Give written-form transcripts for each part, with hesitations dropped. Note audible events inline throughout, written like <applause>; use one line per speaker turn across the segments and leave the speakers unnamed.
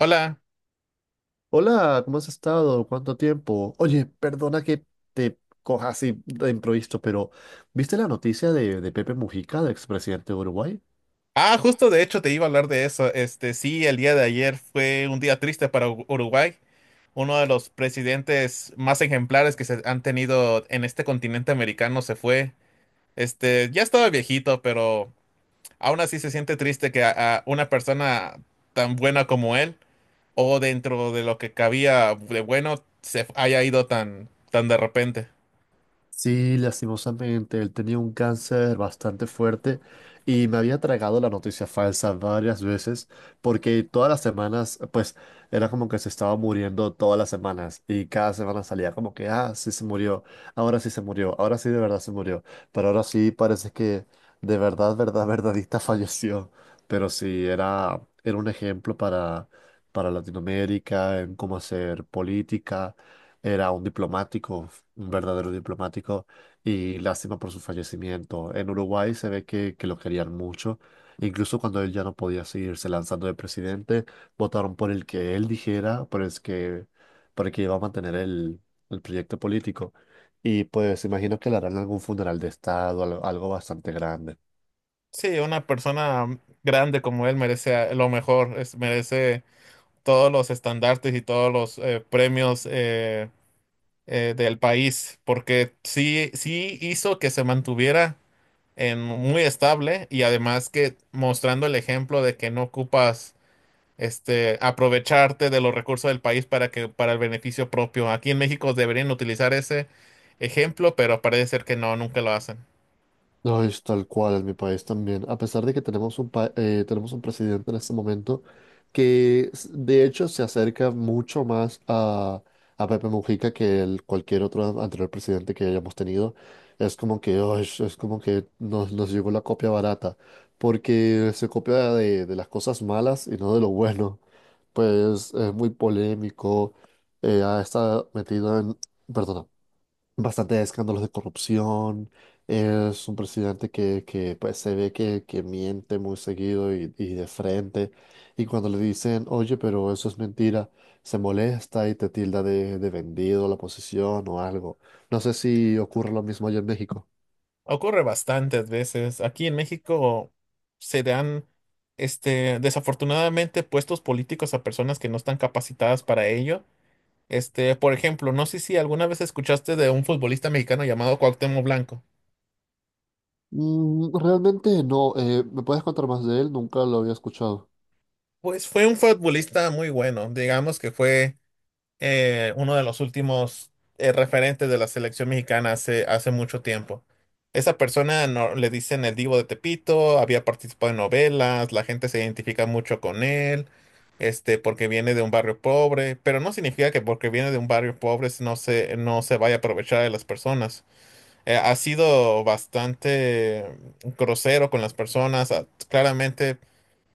Hola.
Hola, ¿cómo has estado? ¿Cuánto tiempo? Oye, perdona que te coja así de improviso, pero ¿viste la noticia de Pepe Mujica, del expresidente de Uruguay?
Ah, justo de hecho te iba a hablar de eso. Este, sí, el día de ayer fue un día triste para Uruguay, uno de los presidentes más ejemplares que se han tenido en este continente americano se fue. Este, ya estaba viejito, pero aún así se siente triste que a una persona tan buena como él, o dentro de lo que cabía de bueno, se haya ido tan de repente.
Sí, lastimosamente, él tenía un cáncer bastante fuerte y me había tragado la noticia falsa varias veces porque todas las semanas, pues era como que se estaba muriendo todas las semanas, y cada semana salía como que, ah, sí se murió, ahora sí se murió, ahora sí de verdad se murió, pero ahora sí parece que de verdad, verdad, <laughs> verdadita falleció. Pero sí, era un ejemplo para Latinoamérica en cómo hacer política. Era un diplomático, un verdadero diplomático, y lástima por su fallecimiento. En Uruguay se ve que lo querían mucho. Incluso cuando él ya no podía seguirse lanzando de presidente, votaron por el que él dijera, por el que iba a mantener el proyecto político. Y pues imagino que le harán algún funeral de estado, algo bastante grande.
Sí, una persona grande como él merece, lo mejor, merece todos los estandartes y todos los premios del país, porque sí, sí hizo que se mantuviera en muy estable y además que mostrando el ejemplo de que no ocupas este aprovecharte de los recursos del país para que para el beneficio propio. Aquí en México deberían utilizar ese ejemplo, pero parece ser que no, nunca lo hacen.
No, es tal cual en mi país también. A pesar de que tenemos un, tenemos un presidente en este momento que de hecho se acerca mucho más a Pepe Mujica que el, cualquier otro anterior presidente que hayamos tenido. Es como que, "Ay, es como que nos, nos llegó la copia barata, porque se copia de las cosas malas y no de lo bueno". Pues es muy polémico, ha estado metido en, perdona, bastante escándalos de corrupción. Es un presidente que pues se ve que miente muy seguido y de frente. Y cuando le dicen, oye, pero eso es mentira, se molesta y te tilda de vendido la posición o algo. No sé si ocurre lo mismo allá en México.
Ocurre bastantes veces. Aquí en México se dan, este, desafortunadamente, puestos políticos a personas que no están capacitadas para ello. Este, por ejemplo, no sé si alguna vez escuchaste de un futbolista mexicano llamado Cuauhtémoc Blanco.
Mm, realmente no. ¿Me puedes contar más de él? Nunca lo había escuchado.
Pues fue un futbolista muy bueno, digamos que fue. Uno de los últimos referentes de la selección mexicana hace mucho tiempo. Esa persona no, le dicen el Divo de Tepito, había participado en novelas, la gente se identifica mucho con él, este, porque viene de un barrio pobre, pero no significa que porque viene de un barrio pobre no se vaya a aprovechar de las personas. Ha sido bastante grosero con las personas, claramente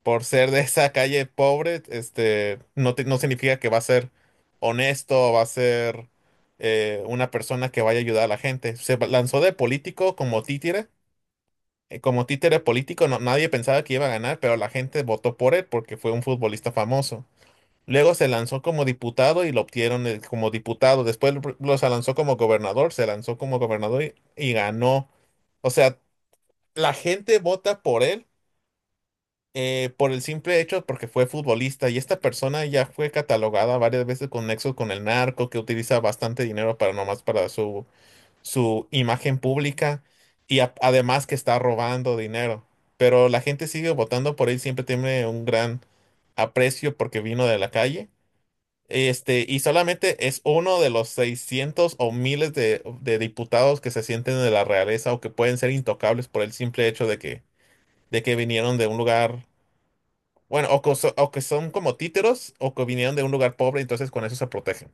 por ser de esa calle pobre, este, no, no significa que va a ser honesto, va a ser una persona que vaya a ayudar a la gente. Se lanzó de político como títere político, nadie pensaba que iba a ganar, pero la gente votó por él porque fue un futbolista famoso. Luego se lanzó como diputado y lo obtieron como diputado. Después se lanzó como gobernador, se lanzó como gobernador y ganó. O sea, la gente vota por él, por el simple hecho porque fue futbolista y esta persona ya fue catalogada varias veces con nexos con el narco, que utiliza bastante dinero para nomás para su imagen pública y además que está robando dinero. Pero la gente sigue votando por él, siempre tiene un gran aprecio porque vino de la calle. Este, y solamente es uno de los 600 o miles de diputados que se sienten de la realeza o que pueden ser intocables por el simple hecho de que vinieron de un lugar bueno, o que son como títeros o que vinieron de un lugar pobre, entonces con eso se protegen.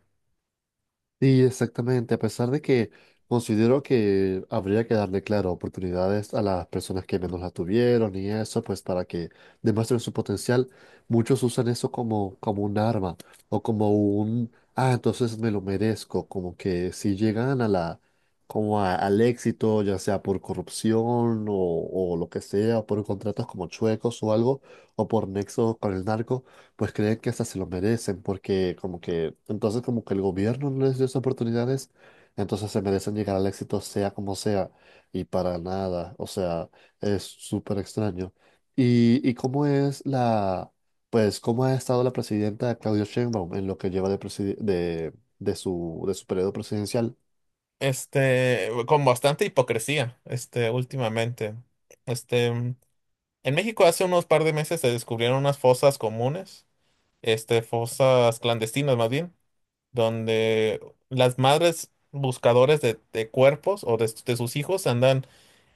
Sí, exactamente, a pesar de que considero que habría que darle, claro, oportunidades a las personas que menos las tuvieron y eso, pues para que demuestren su potencial, muchos usan eso como, como un arma o como un, ah, entonces me lo merezco, como que si llegan a la, como al éxito, ya sea por corrupción o lo que sea, o por contratos como chuecos o algo, o por nexos con el narco, pues creen que hasta se lo merecen, porque como que, entonces como que el gobierno no les dio esas oportunidades, entonces se merecen llegar al éxito sea como sea, y para nada, o sea, es súper extraño. Y cómo es la, pues cómo ha estado la presidenta Claudia Sheinbaum en lo que lleva de su periodo presidencial?
Este, con bastante hipocresía, este, últimamente. Este, en México hace unos par de meses se descubrieron unas fosas comunes, este, fosas clandestinas más bien, donde las madres buscadoras de cuerpos o de sus hijos andan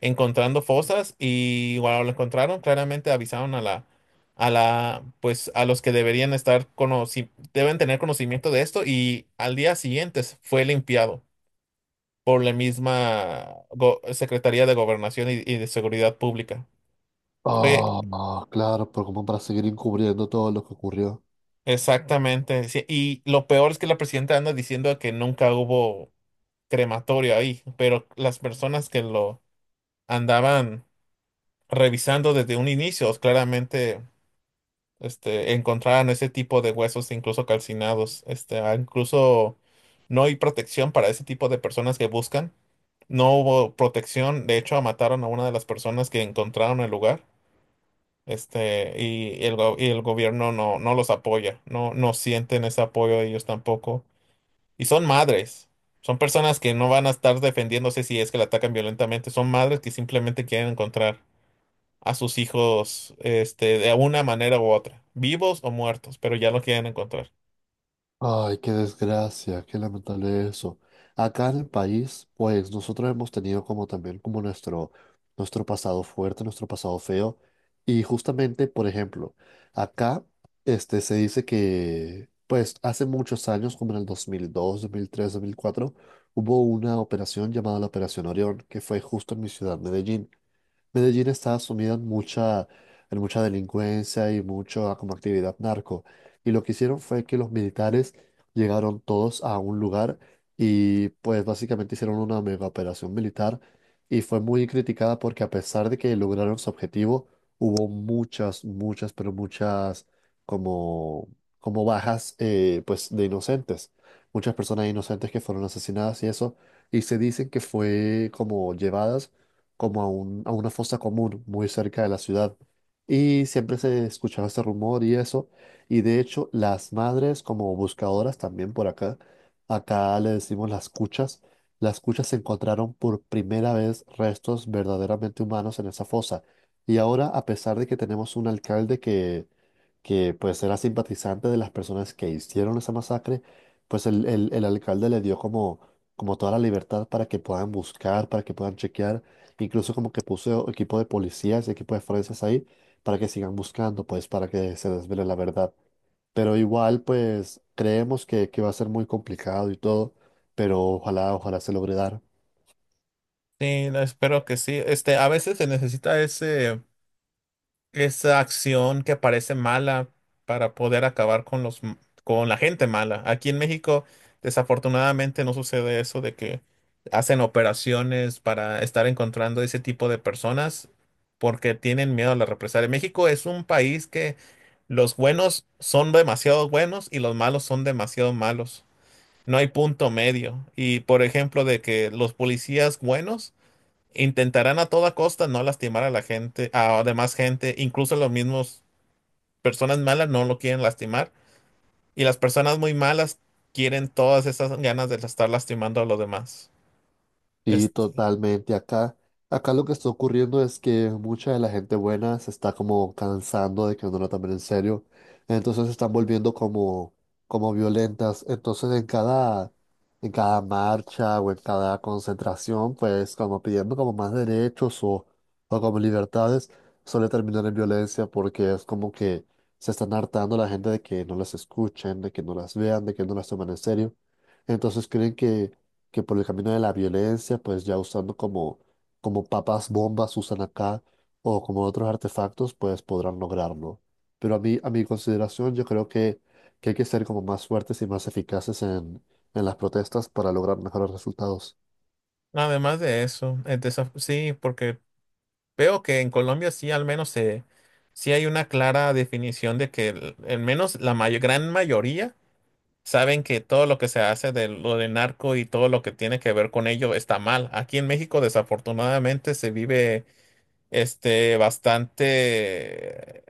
encontrando fosas y cuando lo encontraron, claramente avisaron a la, pues a los que deberían estar deben tener conocimiento de esto y al día siguiente fue limpiado por la misma Secretaría de Gobernación y de Seguridad Pública. Fue
Oh, no, claro, pero como para seguir encubriendo todo lo que ocurrió.
exactamente, sí, y lo peor es que la presidenta anda diciendo que nunca hubo crematorio ahí, pero las personas que lo andaban revisando desde un inicio, claramente, este, encontraron ese tipo de huesos incluso calcinados. Este, incluso no hay protección para ese tipo de personas que buscan. No hubo protección, de hecho mataron a una de las personas que encontraron el lugar. Este, y el gobierno no, no los apoya, no, no sienten ese apoyo ellos tampoco. Y son madres. Son personas que no van a estar defendiéndose si es que la atacan violentamente. Son madres que simplemente quieren encontrar a sus hijos, este, de una manera u otra, vivos o muertos, pero ya lo quieren encontrar.
Ay, qué desgracia, qué lamentable eso. Acá en el país, pues nosotros hemos tenido como también como nuestro, nuestro pasado fuerte, nuestro pasado feo. Y justamente, por ejemplo, acá este, se dice que, pues hace muchos años, como en el 2002, 2003, 2004, hubo una operación llamada la Operación Orión, que fue justo en mi ciudad, Medellín. Medellín está sumida en mucha delincuencia y mucha como actividad narco. Y lo que hicieron fue que los militares llegaron todos a un lugar y pues básicamente hicieron una mega operación militar, y fue muy criticada porque a pesar de que lograron su objetivo, hubo pero muchas como, como bajas, pues de inocentes. Muchas personas inocentes que fueron asesinadas y eso. Y se dicen que fue como llevadas como a, a una fosa común muy cerca de la ciudad. Y siempre se escuchaba ese rumor y eso. Y de hecho, las madres como buscadoras también por acá, acá le decimos las cuchas encontraron por primera vez restos verdaderamente humanos en esa fosa. Y ahora, a pesar de que tenemos un alcalde que pues era simpatizante de las personas que hicieron esa masacre, pues el alcalde le dio como, como toda la libertad para que puedan buscar, para que puedan chequear. Incluso como que puso equipo de policías y equipo de forenses ahí para que sigan buscando, pues para que se desvele la verdad. Pero igual, pues creemos que va a ser muy complicado y todo, pero ojalá, ojalá se logre dar.
Sí, no, espero que sí. Este, a veces se necesita ese. Esa acción que parece mala para poder acabar con con la gente mala. Aquí en México, desafortunadamente, no sucede eso de que hacen operaciones para estar encontrando ese tipo de personas porque tienen miedo a la represalia. México es un país que los buenos son demasiado buenos y los malos son demasiado malos. No hay punto medio. Y por ejemplo, de que los policías buenos intentarán a toda costa no lastimar a la gente, a demás gente, incluso los mismos personas malas no lo quieren lastimar y las personas muy malas quieren todas esas ganas de estar lastimando a los demás.
Sí,
Este,
totalmente. Acá, acá lo que está ocurriendo es que mucha de la gente buena se está como cansando de que no la tomen en serio. Entonces se están volviendo como, como violentas. Entonces en cada marcha o en cada concentración, pues como pidiendo como más derechos o como libertades, suele terminar en violencia porque es como que se están hartando la gente de que no las escuchen, de que no las vean, de que no las tomen en serio. Entonces creen que por el camino de la violencia, pues ya usando como, como papas bombas usan acá o como otros artefactos, pues podrán lograrlo. Pero a mí, a mi consideración, yo creo que hay que ser como más fuertes y más eficaces en las protestas para lograr mejores resultados.
además de eso, sí, porque veo que en Colombia sí al menos sí hay una clara definición de que al menos la gran mayoría saben que todo lo que se hace de lo de narco y todo lo que tiene que ver con ello está mal. Aquí en México desafortunadamente se vive, este, bastante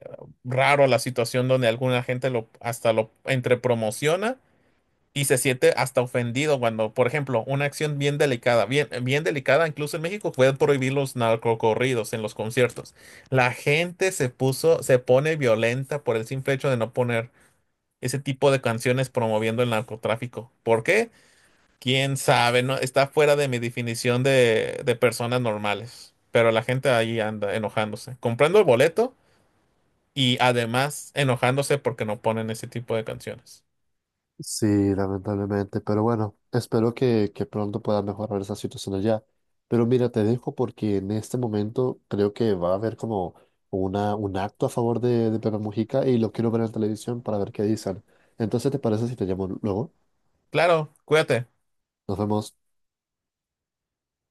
raro la situación donde alguna gente lo hasta lo entre promociona y se siente hasta ofendido cuando, por ejemplo, una acción bien delicada, bien, bien delicada, incluso en México pueden prohibir los narcocorridos en los conciertos. La gente se pone violenta por el simple hecho de no poner ese tipo de canciones promoviendo el narcotráfico. ¿Por qué? Quién sabe, no, está fuera de mi definición de personas normales. Pero la gente ahí anda enojándose, comprando el boleto y además enojándose porque no ponen ese tipo de canciones.
Sí, lamentablemente, pero bueno, espero que pronto pueda mejorar esa situación allá. Pero mira, te dejo porque en este momento creo que va a haber como una, un acto a favor de Pepe Mujica, y lo quiero ver en televisión para ver qué dicen. Entonces, ¿te parece si te llamo luego?
Claro, cuídate.
Nos vemos.